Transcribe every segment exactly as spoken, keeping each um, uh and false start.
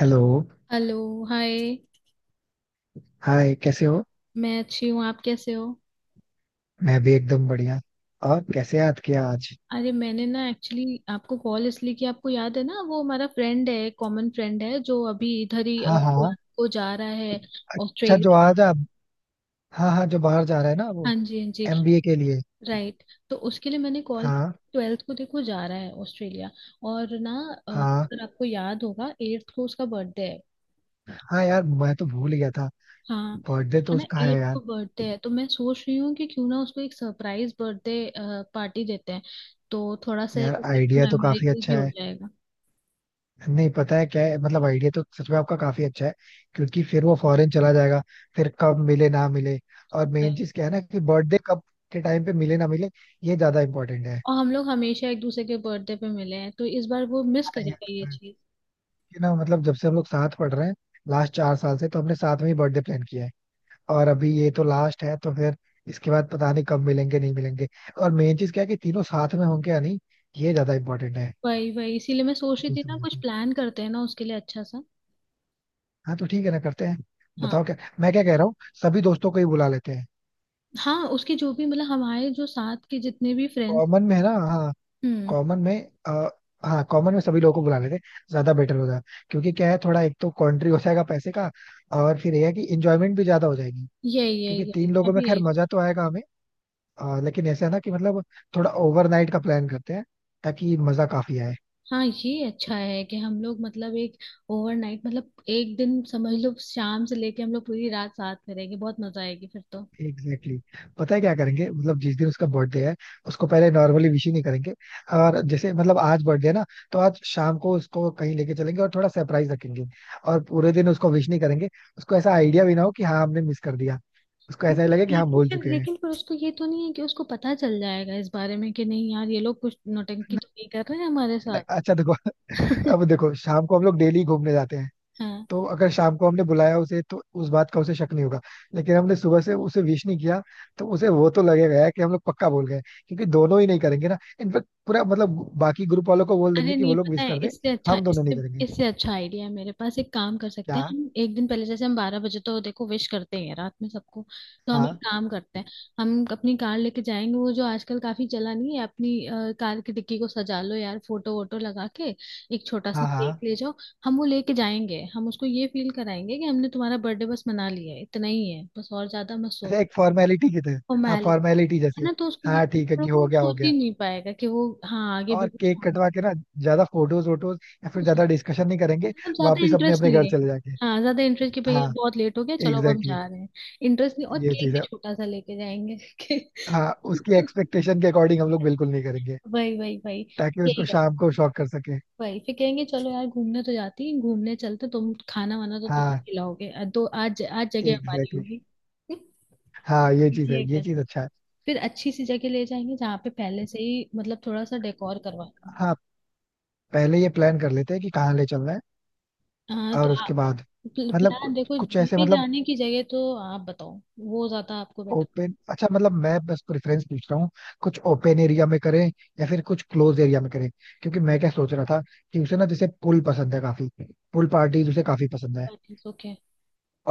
Hello. Hello. Hi. Hi, कैसे हो? मैं अच्छी हूँ, आप कैसे हो? मैं भी एकदम बढ़िया। और कैसे याद किया आज? अरे, मैंने ना एक्चुअली आपको कॉल इसलिए किया, आपको याद है ना वो हमारा फ्रेंड है, कॉमन फ्रेंड है, जो अभी इधर ही हाँ, हाँ। ट्वेल्थ को जा रहा है अच्छा, जो ऑस्ट्रेलिया। आज आप। हाँ हाँ, जो बाहर जा रहा है ना वो। हाँ जी हाँ जी। एमबीए के लिए। राइट। तो उसके लिए मैंने कॉल, हाँ ट्वेल्थ को देखो जा रहा है ऑस्ट्रेलिया, और ना अ, हाँ। अगर आपको याद होगा एट्थ को उसका बर्थडे है। हाँ यार, मैं तो भूल गया था। हाँ। बर्थडे तो है ना, उसका है एट यार। को बर्थडे है, तो मैं सोच रही हूँ कि क्यों ना उसको एक सरप्राइज बर्थडे पार्टी देते हैं, तो थोड़ा सा यार, आइडिया तो काफी मेमोरेबल भी अच्छा हो है। जाएगा। नहीं, पता है क्या है, मतलब आइडिया तो सच में आपका काफी अच्छा है। क्योंकि फिर वो फॉरेन चला जाएगा। फिर कब मिले ना मिले। और भाई, मेन चीज क्या है ना कि बर्थडे कब के टाइम पे मिले ना मिले। ये ज्यादा इम्पोर्टेंट और हम लोग हमेशा एक दूसरे के बर्थडे पे मिले हैं, तो इस बार वो मिस करेगा ये है। चीज। कि ना, मतलब जब से हम लोग साथ पढ़ रहे हैं, लास्ट चार साल से तो हमने साथ में ही बर्थडे प्लान किया है। और अभी ये तो लास्ट है, तो फिर इसके बाद पता नहीं कब मिलेंगे नहीं मिलेंगे। और मेन चीज क्या है कि तीनों साथ में होंगे या नहीं। ये ज्यादा इंपॉर्टेंट है। वही वही, इसीलिए मैं सोच रही थी इस ना वजह कुछ से प्लान करते हैं ना उसके लिए अच्छा सा। हाँ, तो ठीक है ना, करते हैं। हाँ बताओ, क्या मैं क्या कह रहा हूँ। सभी दोस्तों को ही बुला लेते हैं। हाँ, उसके जो भी मतलब हमारे जो साथ के जितने भी फ्रेंड्स। कॉमन में है ना, हाँ। हम्म। कॉमन में। आ, हाँ, कॉमन में सभी लोगों को बुला लेते हैं। ज्यादा बेटर होगा। क्योंकि क्या है, थोड़ा एक तो कॉन्ट्री हो जाएगा पैसे का, और फिर यह है कि इंजॉयमेंट भी ज्यादा हो जाएगी। यही यही क्योंकि यही तीन मैं लोगों में भी खैर यही। मजा तो आएगा हमें। आ, लेकिन ऐसा है ना कि मतलब थोड़ा ओवरनाइट का प्लान करते हैं ताकि मजा काफी आए। हाँ, ये अच्छा है कि हम लोग मतलब एक ओवरनाइट, मतलब एक दिन समझ लो शाम से लेके हम लोग पूरी रात साथ में रहेंगे, बहुत मजा आएगी फिर तो। Exactly exactly। पता है क्या करेंगे, मतलब जिस दिन उसका बर्थडे है उसको पहले नॉर्मली विश ही नहीं करेंगे। और जैसे मतलब आज बर्थडे है ना, तो आज शाम को उसको कहीं लेके चलेंगे और थोड़ा सरप्राइज रखेंगे। और पूरे दिन उसको विश नहीं करेंगे। उसको ऐसा आइडिया भी ना हो कि हाँ, हमने मिस कर दिया। उसको ऐसा ही नहीं, लगे कि हाँ, हम लेकिन भूल फिर चुके हैं। लेकिन फिर उसको ये तो नहीं है कि उसको पता चल जाएगा इस बारे में कि नहीं यार ये लोग कुछ नौटंकी तो नहीं कर रहे हैं हमारे नहीं, साथ। अच्छा देखो। अब देखो, शाम को हम लोग डेली घूमने जाते हैं। हाँ। तो अगर शाम को हमने बुलाया उसे तो उस बात का उसे शक नहीं होगा। लेकिन हमने सुबह से उसे विश नहीं किया, तो उसे वो तो लगेगा यार कि हम लोग पक्का बोल गए। क्योंकि दोनों ही नहीं करेंगे ना, इनफेक्ट पूरा, मतलब बाकी ग्रुप वालों को बोल देंगे अरे कि वो नहीं, लोग पता विश है कर दे। इससे अच्छा हम दोनों इससे नहीं करेंगे। इससे अच्छा आइडिया है मेरे पास, एक काम कर सकते क्या? हैं, हम एक दिन पहले जैसे हम बारह बजे तो देखो विश करते ही हैं रात में सबको, तो हम एक हाँ, काम करते हैं, हम अपनी कार लेके जाएंगे, वो जो आजकल काफी चला नहीं है अपनी, अ, कार की डिक्की को सजा लो यार फोटो वोटो लगा के, एक छोटा सा हाँ, केक हाँ। ले जाओ, हम वो लेके जाएंगे, हम उसको ये फील कराएंगे कि हमने तुम्हारा बर्थडे बस मना लिया है, इतना ही है बस, और ज्यादा मत सोच। अच्छा, एक फॉर्मेलिटी की तरह। हाँ, फॉर्मेलिटी। फॉर्मेलिटी है जैसे। ना, तो उसको ये हाँ ठीक है थोड़ा कि हो वो गया हो सोच ही गया। नहीं पाएगा कि वो, हाँ, आगे भी और कुछ केक होना कटवा के ना, ज्यादा फोटोज वोटोज या फिर कुछ है। ज्यादा डिस्कशन नहीं करेंगे। मतलब ज्यादा वापिस अपने इंटरेस्ट अपने नहीं घर लेंगे। चले जाके। हाँ, ज्यादा इंटरेस्ट की, भैया हाँ बहुत लेट हो गया चलो अब हम एग्जैक्टली जा रहे हैं। इंटरेस्ट नहीं, और exactly, ये केक चीज भी है। छोटा सा लेके जाएंगे। हाँ उसकी एक्सपेक्टेशन के अकॉर्डिंग हम लोग बिल्कुल नहीं करेंगे। वही वही वही। ताकि यही उसको कर। शाम को शॉक कर सके। वही फिर कहेंगे, चलो यार घूमने तो जाती है, घूमने चलते, तुम खाना वाना तो तुम हाँ खिलाओगे, अ, तो आज आज जगह हमारी एग्जैक्टली exactly। होगी। हाँ, ये चीज ये है, ये कर। चीज अच्छा है। फिर अच्छी सी जगह ले जाएंगे जहाँ पे पहले से ही मतलब थोड़ा सा डेकोर करवा देंगे। हाँ, पहले ये प्लान कर लेते हैं कि कहाँ ले चलना है। हाँ, तो और उसके आप बाद मतलब प्लान कुछ, देखो, कुछ ऐसे, ले मतलब जाने की जगह तो आप बताओ, वो ज्यादा आपको बेटर। ओपन, अच्छा मतलब मैं बस प्रेफरेंस पूछ रहा हूँ। कुछ ओपन एरिया में करें या फिर कुछ क्लोज एरिया में करें। क्योंकि मैं क्या सोच रहा था कि उसे ना जैसे पूल पसंद है काफी। पूल पार्टीज उसे काफी पसंद है। ओके।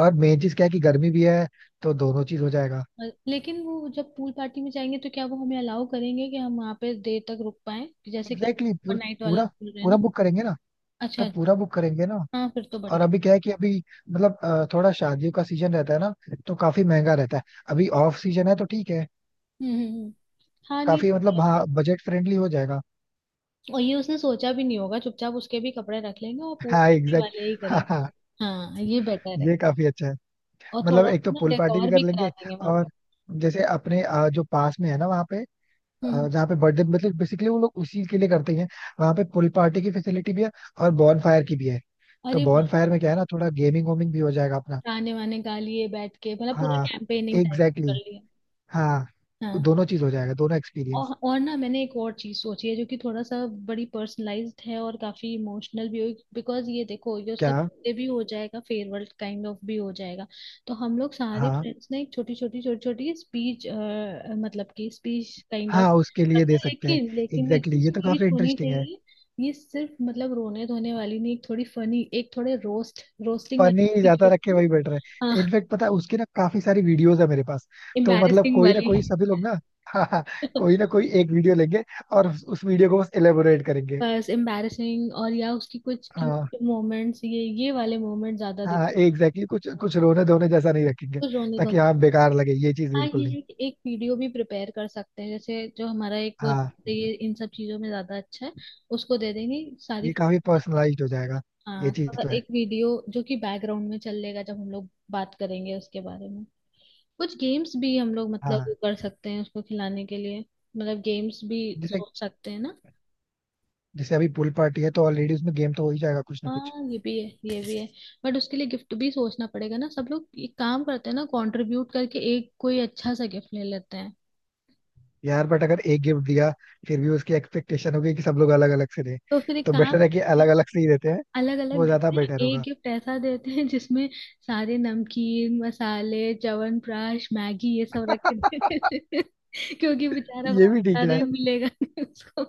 और मेन चीज क्या है कि गर्मी भी है, तो दोनों चीज हो जाएगा। अ- लेकिन वो जब पूल पार्टी में जाएंगे तो क्या वो हमें अलाउ करेंगे कि हम वहाँ पे देर तक रुक पाए, जैसे कि एग्जैक्टली exactly, हम पूरा। नाइट वाला पूरा। बोल रहे हैं पूरा ना। बुक करेंगे ना। तो अच्छा। पूरा बुक करेंगे ना। हाँ, फिर तो और बढ़िया। अभी क्या है कि अभी मतलब अ, थोड़ा शादियों का सीजन रहता है ना, तो काफी महंगा रहता है। अभी ऑफ सीजन है तो ठीक है। हम्म हम्म हम्म। हाँ नहीं, काफी, मतलब बढ़िया। हाँ बजट फ्रेंडली हो जाएगा। और ये उसने सोचा भी नहीं होगा, चुपचाप उसके भी कपड़े रख लेंगे और पूल हाँ पार्टी एग्जैक्ट। वाले ही हाँ, करेंगे। हाँ। हाँ, ये बेटर है। ये काफी अच्छा है। और मतलब थोड़ा एक सा तो ना पूल पार्टी भी डेकोर कर भी करा लेंगे। देंगे वहाँ और पे। जैसे अपने अ, जो पास में है ना, वहाँ पे हम्म अ, हम्म। जहाँ पे बर्थडे, मतलब बेसिकली वो लोग उसी के लिए करते हैं, वहाँ पे पूल पार्टी की फैसिलिटी भी है और बॉन फायर की भी है। तो अरे बॉन वाह! फायर में क्या है ना, थोड़ा गेमिंग वेमिंग भी हो जाएगा अपना। गाने वाने गा लिए बैठ के, मतलब पूरा हाँ कैंपेनिंग टाइप एग्जैक्टली। कर लिया। हाँ। हाँ। दोनों चीज हो जाएगा, दोनों और एक्सपीरियंस। और ना, मैंने एक और चीज सोची है जो कि थोड़ा सा बड़ी पर्सनलाइज्ड है और काफी इमोशनल भी होगी, बिकॉज ये देखो ये उसका क्या? birthday भी हो जाएगा, फेयरवेल काइंड ऑफ भी हो जाएगा। तो हम लोग सारे हाँ, फ्रेंड्स ने एक छोटी छोटी छोटी छोटी स्पीच, मतलब कि स्पीच काइंड हाँ ऑफ उसके लिए करते दे हैं, सकते हैं। लेकिन एग्जैक्टली लेकिन ये जो exactly, ये तो काफी स्पीच होनी इंटरेस्टिंग है। चाहिए ये सिर्फ मतलब रोने धोने वाली नहीं, एक थोड़ी फनी, एक थोड़े रोस्ट रोस्टिंग वाली फनी स्पीच ज्यादा होती रखे है वही बेटर है। ना। हाँ, इनफेक्ट पता है, उसकी ना काफी सारी वीडियोस है मेरे पास। तो मतलब एम्बैरेसिंग कोई ना वाली। कोई सभी लोग ना हाँ, हाँ, कोई ना कोई एक वीडियो लेंगे और उस, उस वीडियो को बस एलेबोरेट करेंगे। बस एम्बैरसिंग, और या उसकी कुछ हाँ। क्यूट मोमेंट्स, ये ये वाले मोमेंट ज्यादा दिख, हाँ एग्जैक्टली exactly, कुछ कुछ रोने धोने जैसा नहीं रखेंगे। कुछ रोने ताकि धोने। हाँ बेकार लगे ये चीज हाँ, बिल्कुल ये नहीं। है कि एक वीडियो भी प्रिपेयर कर सकते हैं, जैसे जो हमारा एक वो हाँ, ये इन सब चीजों में ज्यादा अच्छा है, उसको दे देंगे सारी। ये काफी पर्सनलाइज्ड हो जाएगा। ये हाँ, चीज थोड़ा तो है। एक वीडियो जो कि बैकग्राउंड में चलेगा जब हम लोग बात करेंगे उसके बारे में। कुछ गेम्स भी हम लोग मतलब वो हाँ। कर सकते हैं उसको खिलाने के लिए, मतलब गेम्स भी जैसे, सोच सकते हैं ना। जैसे अभी पूल पार्टी है तो ऑलरेडी उसमें गेम तो हो ही जाएगा कुछ ना कुछ। हाँ ये भी है ये भी है। बट उसके लिए गिफ्ट भी सोचना पड़ेगा ना, सब लोग एक काम करते हैं ना, कंट्रीब्यूट करके एक कोई अच्छा सा गिफ्ट ले लेते हैं। यार बट अगर एक गिफ्ट दिया, फिर भी उसकी एक्सपेक्टेशन होगी कि सब लोग अलग अलग से दें। तो फिर एक तो बेटर काम है कि करते हैं, अलग अलग से ही देते हैं। अलग अलग वो ज्यादा देते हैं, बेटर एक होगा। गिफ्ट ऐसा देते हैं जिसमें सारे नमकीन मसाले च्यवनप्राश मैगी ये सब रख के देते हैं। क्योंकि बेचारा ये भी ठीक बाहर रहा, है। मिलेगा नहीं उसको,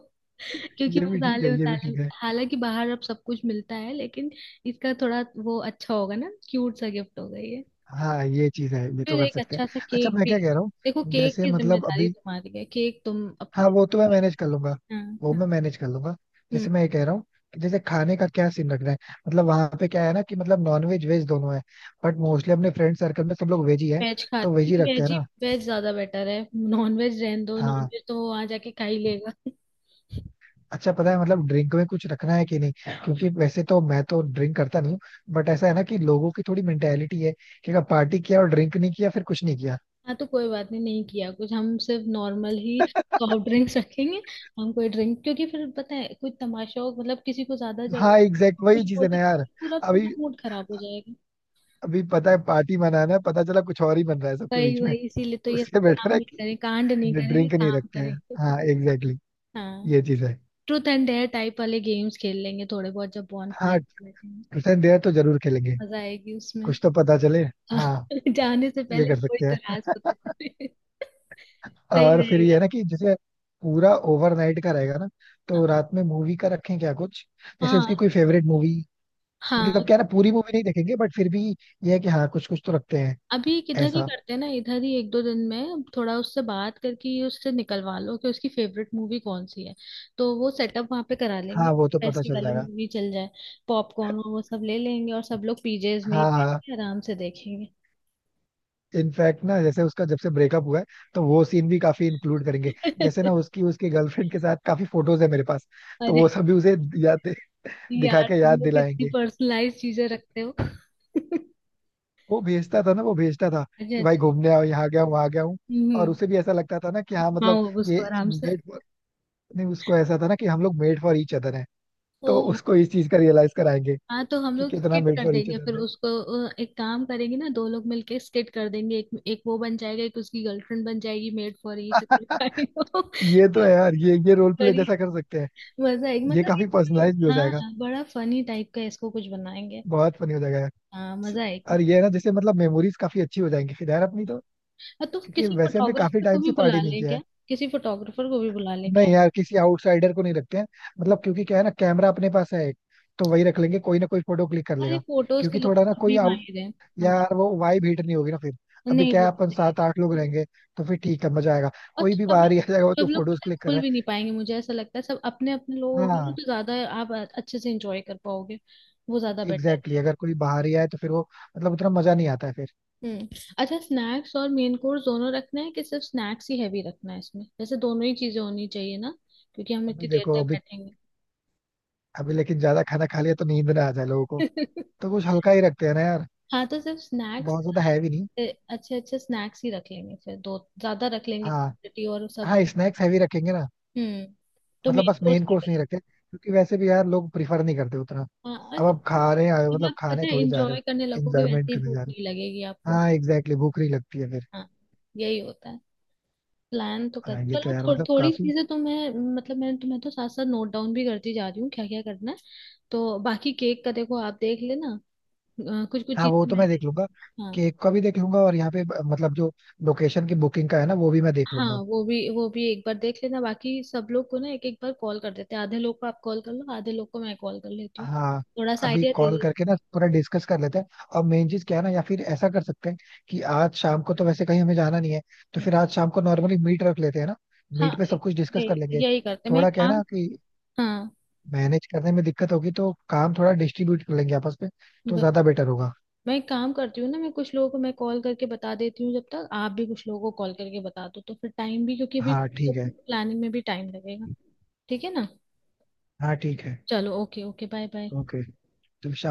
क्योंकि ये भी ठीक मसाले है। ये भी वसाले ठीक है। हालांकि बाहर अब सब कुछ मिलता है, लेकिन इसका थोड़ा वो अच्छा होगा ना, क्यूट सा गिफ्ट होगा ये। हाँ ये चीज है, ये तो फिर कर एक सकते हैं। अच्छा सा अच्छा केक मैं भी, क्या कह रहा हूँ देखो केक जैसे, की मतलब जिम्मेदारी अभी, तुम्हारी है, केक तुम हाँ अपने। वो तो मैं मैनेज कर लूंगा। हाँ, वो हाँ। मैं मैनेज कर लूंगा। हम्म। जैसे मैं ये कह रहा हूँ कि जैसे खाने का क्या सीन रखना है। मतलब वहां पे क्या है ना कि मतलब नॉन वेज वेज दोनों है। बट मोस्टली अपने फ्रेंड सर्कल में सब लोग वेज ही है। वेज तो वेज खाते ही रखते वेज हैं ही, ना। वेज ज्यादा बेटर है। नॉन वेज रहने दो, नॉन हाँ। वेज तो वो वहां जाके खा ही लेगा। अच्छा, पता है मतलब ड्रिंक में कुछ रखना है कि नहीं, क्योंकि वैसे तो मैं तो ड्रिंक करता नहीं हूँ। बट ऐसा है ना कि लोगों की थोड़ी मेंटेलिटी है कि अगर पार्टी किया और ड्रिंक नहीं किया फिर कुछ नहीं किया। हाँ, तो कोई बात नहीं, नहीं किया कुछ, हम सिर्फ नॉर्मल ही सॉफ्ट ड्रिंक्स रखेंगे। हम कोई ड्रिंक, क्योंकि फिर पता है कुछ तमाशा हो, मतलब किसी को ज्यादा हाँ जरूरत एग्जैक्ट, हो, तो कुछ वही चीज है बोले, ना तो यार। पूरा अभी, पूरा मूड खराब हो जाएगा। अभी पता है पार्टी मनाना है, पता चला कुछ और ही बन रहा है सबके वही बीच में। वही, इसीलिए तो ये सब उससे काम बेटर है नहीं कि करें, कांड नहीं करेंगे, ड्रिंक नहीं काम रखते हैं। करेंगे। हाँ एग्जैक्टली exactly, हाँ। ये चीज है। ट्रूथ एंड डेयर टाइप वाले गेम्स खेल लेंगे थोड़े बहुत जब बॉन फायर हाँ बैठेंगे। ट्रूथ एंड डेयर तो जरूर खेलेंगे। मजा आएगी उसमें। कुछ तो पता चले। हाँ जाने से ये पहले कर कोई सकते तो हैं। राज पता चले, सही और फिर ये रहेगा। है ना कि जैसे पूरा ओवरनाइट का रहेगा ना, हाँ तो रात में मूवी का रखें क्या कुछ, जैसे उसकी हाँ कोई फेवरेट मूवी। हाँ। मतलब क्या है ना, पूरी मूवी नहीं देखेंगे बट फिर भी ये है कि हाँ कुछ कुछ तो रखते हैं। अभी एक इधर ही ऐसा? करते हैं ना, इधर ही एक दो दिन में थोड़ा उससे बात करके ये उससे निकलवा लो कि उसकी फेवरेट मूवी कौन सी है, तो वो सेटअप वहां पे करा लेंगे। हाँ वो तो पता ऐसी चल वाली जाएगा। मूवी चल जाए, पॉपकॉर्न वो सब ले लेंगे और सब लोग पीजेज में ही हाँ, बैठ हाँ। के आराम से देखेंगे। इनफैक्ट ना, जैसे उसका जब से ब्रेकअप हुआ है, तो वो सीन भी काफी इंक्लूड करेंगे। जैसे ना उसकी, उसके गर्लफ्रेंड के साथ काफी फोटोज है मेरे पास। तो वो अरे! सब भी उसे याद दिखा यार के तुम याद लोग कितनी दिलाएंगे। पर्सनलाइज चीजें रखते हो। वो भेजता था ना, वो भेजता था अच्छा कि भाई अच्छा। घूमने आओ, यहाँ गया हूँ वहां गया हूँ। और हम्म। उसे भी ऐसा लगता था ना कि हाँ, हाँ, मतलब वो उसको ये आराम से। मेड फॉर, नहीं, उसको ऐसा था ना कि हम लोग मेड फॉर ईच अदर हैं। ओ! तो उसको इस चीज का रियलाइज कराएंगे हाँ, तो हम कि लोग कितना स्किट मेड कर फॉर ईच देंगे फिर अदर है। उसको। अ, एक काम करेंगे ना, दो लोग मिलके स्किट कर देंगे, एक एक वो बन जाएगा, एक उसकी गर्लफ्रेंड बन जाएगी, मेड फॉर ईच करिए। ये तो है यार, ये ये रोल प्ले जैसा कर सकते हैं। मजा आएगी, ये मतलब काफी ये- पर्सनलाइज भी हो हाँ जाएगा। हाँ, बड़ा फनी टाइप का इसको कुछ बनाएंगे। बहुत फनी हो जाएगा यार। हाँ मजा आएगी। और ये है ना, जैसे मतलब मेमोरीज काफी अच्छी हो जाएंगी फिर यार अपनी तो, और तो क्योंकि किसी वैसे हमने काफी फोटोग्राफर को टाइम भी से बुला पार्टी नहीं लें किया है। क्या? किसी फोटोग्राफर को भी बुला लें क्या? नहीं यार, किसी आउटसाइडर को नहीं रखते हैं। मतलब क्योंकि क्या है ना, कैमरा अपने पास है एक, तो वही रख लेंगे, कोई ना कोई फोटो क्लिक कर अरे, लेगा। फोटोज के क्योंकि लिए थोड़ा ना कोई अभी आउट, माहिर है हमारे। यार वो वाइब हिट नहीं होगी ना फिर। अभी नहीं, क्या वो है, अपन भी सही है। सात आठ लोग रहेंगे, तो फिर ठीक है मजा आएगा। और कोई तो भी सब लोग, बाहर ही आ जाएगा वो तो, सब लोग फोटोज पता है क्लिक कर खुल रहा भी नहीं पाएंगे, मुझे ऐसा लगता है सब अपने अपने लोग है। होंगे ना, हाँ तो ज्यादा आप अच्छे से एंजॉय कर पाओगे, वो ज्यादा बेटर एग्जैक्टली, है। अगर कोई बाहर ही आए तो फिर वो मतलब उतना मजा नहीं आता है फिर। हम्म। अच्छा, स्नैक्स और मेन कोर्स दोनों रखना है कि सिर्फ स्नैक्स ही हैवी रखना है? इसमें वैसे दोनों ही चीजें होनी चाहिए ना, क्योंकि हम अभी इतनी देर देखो तक अभी, बैठेंगे। अभी लेकिन ज्यादा खाना खा लिया तो नींद ना आ जाए लोगों को। तो कुछ हल्का ही रखते हैं ना यार। हाँ, तो सिर्फ स्नैक्स, बहुत ज्यादा हैवी नहीं। अच्छे अच्छे स्नैक्स ही रख लेंगे, फिर दो ज्यादा रख लेंगे हाँ, क्वांटिटी और सब। हाँ स्नैक्स हैवी रखेंगे ना। हम्म। तो मतलब मेन बस कोर्स, मेन कोर्स नहीं रखते क्योंकि वैसे भी यार लोग प्रिफर नहीं करते उतना। हाँ, और अब आप वो खा रहे आए हो, जब मतलब आप पता खाने है थोड़ी जा रहे इंजॉय करने हो, लगोगे वैसे एंजॉयमेंट ही करने भूख जा रहे नहीं लगेगी हो। आपको। हाँ एग्जैक्टली, भूख नहीं लगती है फिर। हाँ यही होता है। प्लान तो कर हाँ ये तो चलो, यार थो, मतलब थोड़ी काफी। चीजें तो मैं, मतलब मैं तुम्हें तो साथ साथ नोट डाउन भी करती जा रही हूँ क्या क्या करना है, तो बाकी केक का देखो आप देख लेना, कुछ कुछ हाँ वो चीजें तो मैं मैं देख देख। लूंगा, हाँ, केक का भी देख लूंगा। और यहाँ पे ब- मतलब जो लोकेशन की बुकिंग का है ना, वो भी मैं देख हाँ, लूंगा। वो भी वो भी एक बार देख लेना, बाकी सब लोग को ना एक एक बार कॉल कर देते हैं, आधे लोग को आप कॉल कर लो, आधे लोग को मैं कॉल कर लेती हूँ, हाँ। थोड़ा सा अभी आइडिया दे कॉल देती करके ना पूरा डिस्कस कर लेते हैं। और मेन चीज क्या है ना, या फिर ऐसा कर सकते हैं कि आज शाम को तो वैसे कहीं हमें जाना नहीं है, तो हूँ। फिर आज शाम को नॉर्मली मीट रख लेते हैं ना। हाँ, मीट पे सब कुछ डिस्कस यही कर लेंगे। यही करते हैं। मैं एक थोड़ा क्या है काम, ना कि हाँ, मैनेज करने में दिक्कत होगी तो काम थोड़ा डिस्ट्रीब्यूट कर लेंगे आपस में, तो ज्यादा बेटर होगा। मैं एक काम करती हूँ ना, मैं कुछ लोगों को मैं कॉल करके बता देती हूँ, जब तक आप भी कुछ लोगों को कॉल करके बता दो, तो फिर टाइम भी, क्योंकि अभी हाँ ठीक सब है। प्लानिंग में भी टाइम लगेगा। ठीक है ना? हाँ ठीक है। चलो okay okay, bye bye. Okay तो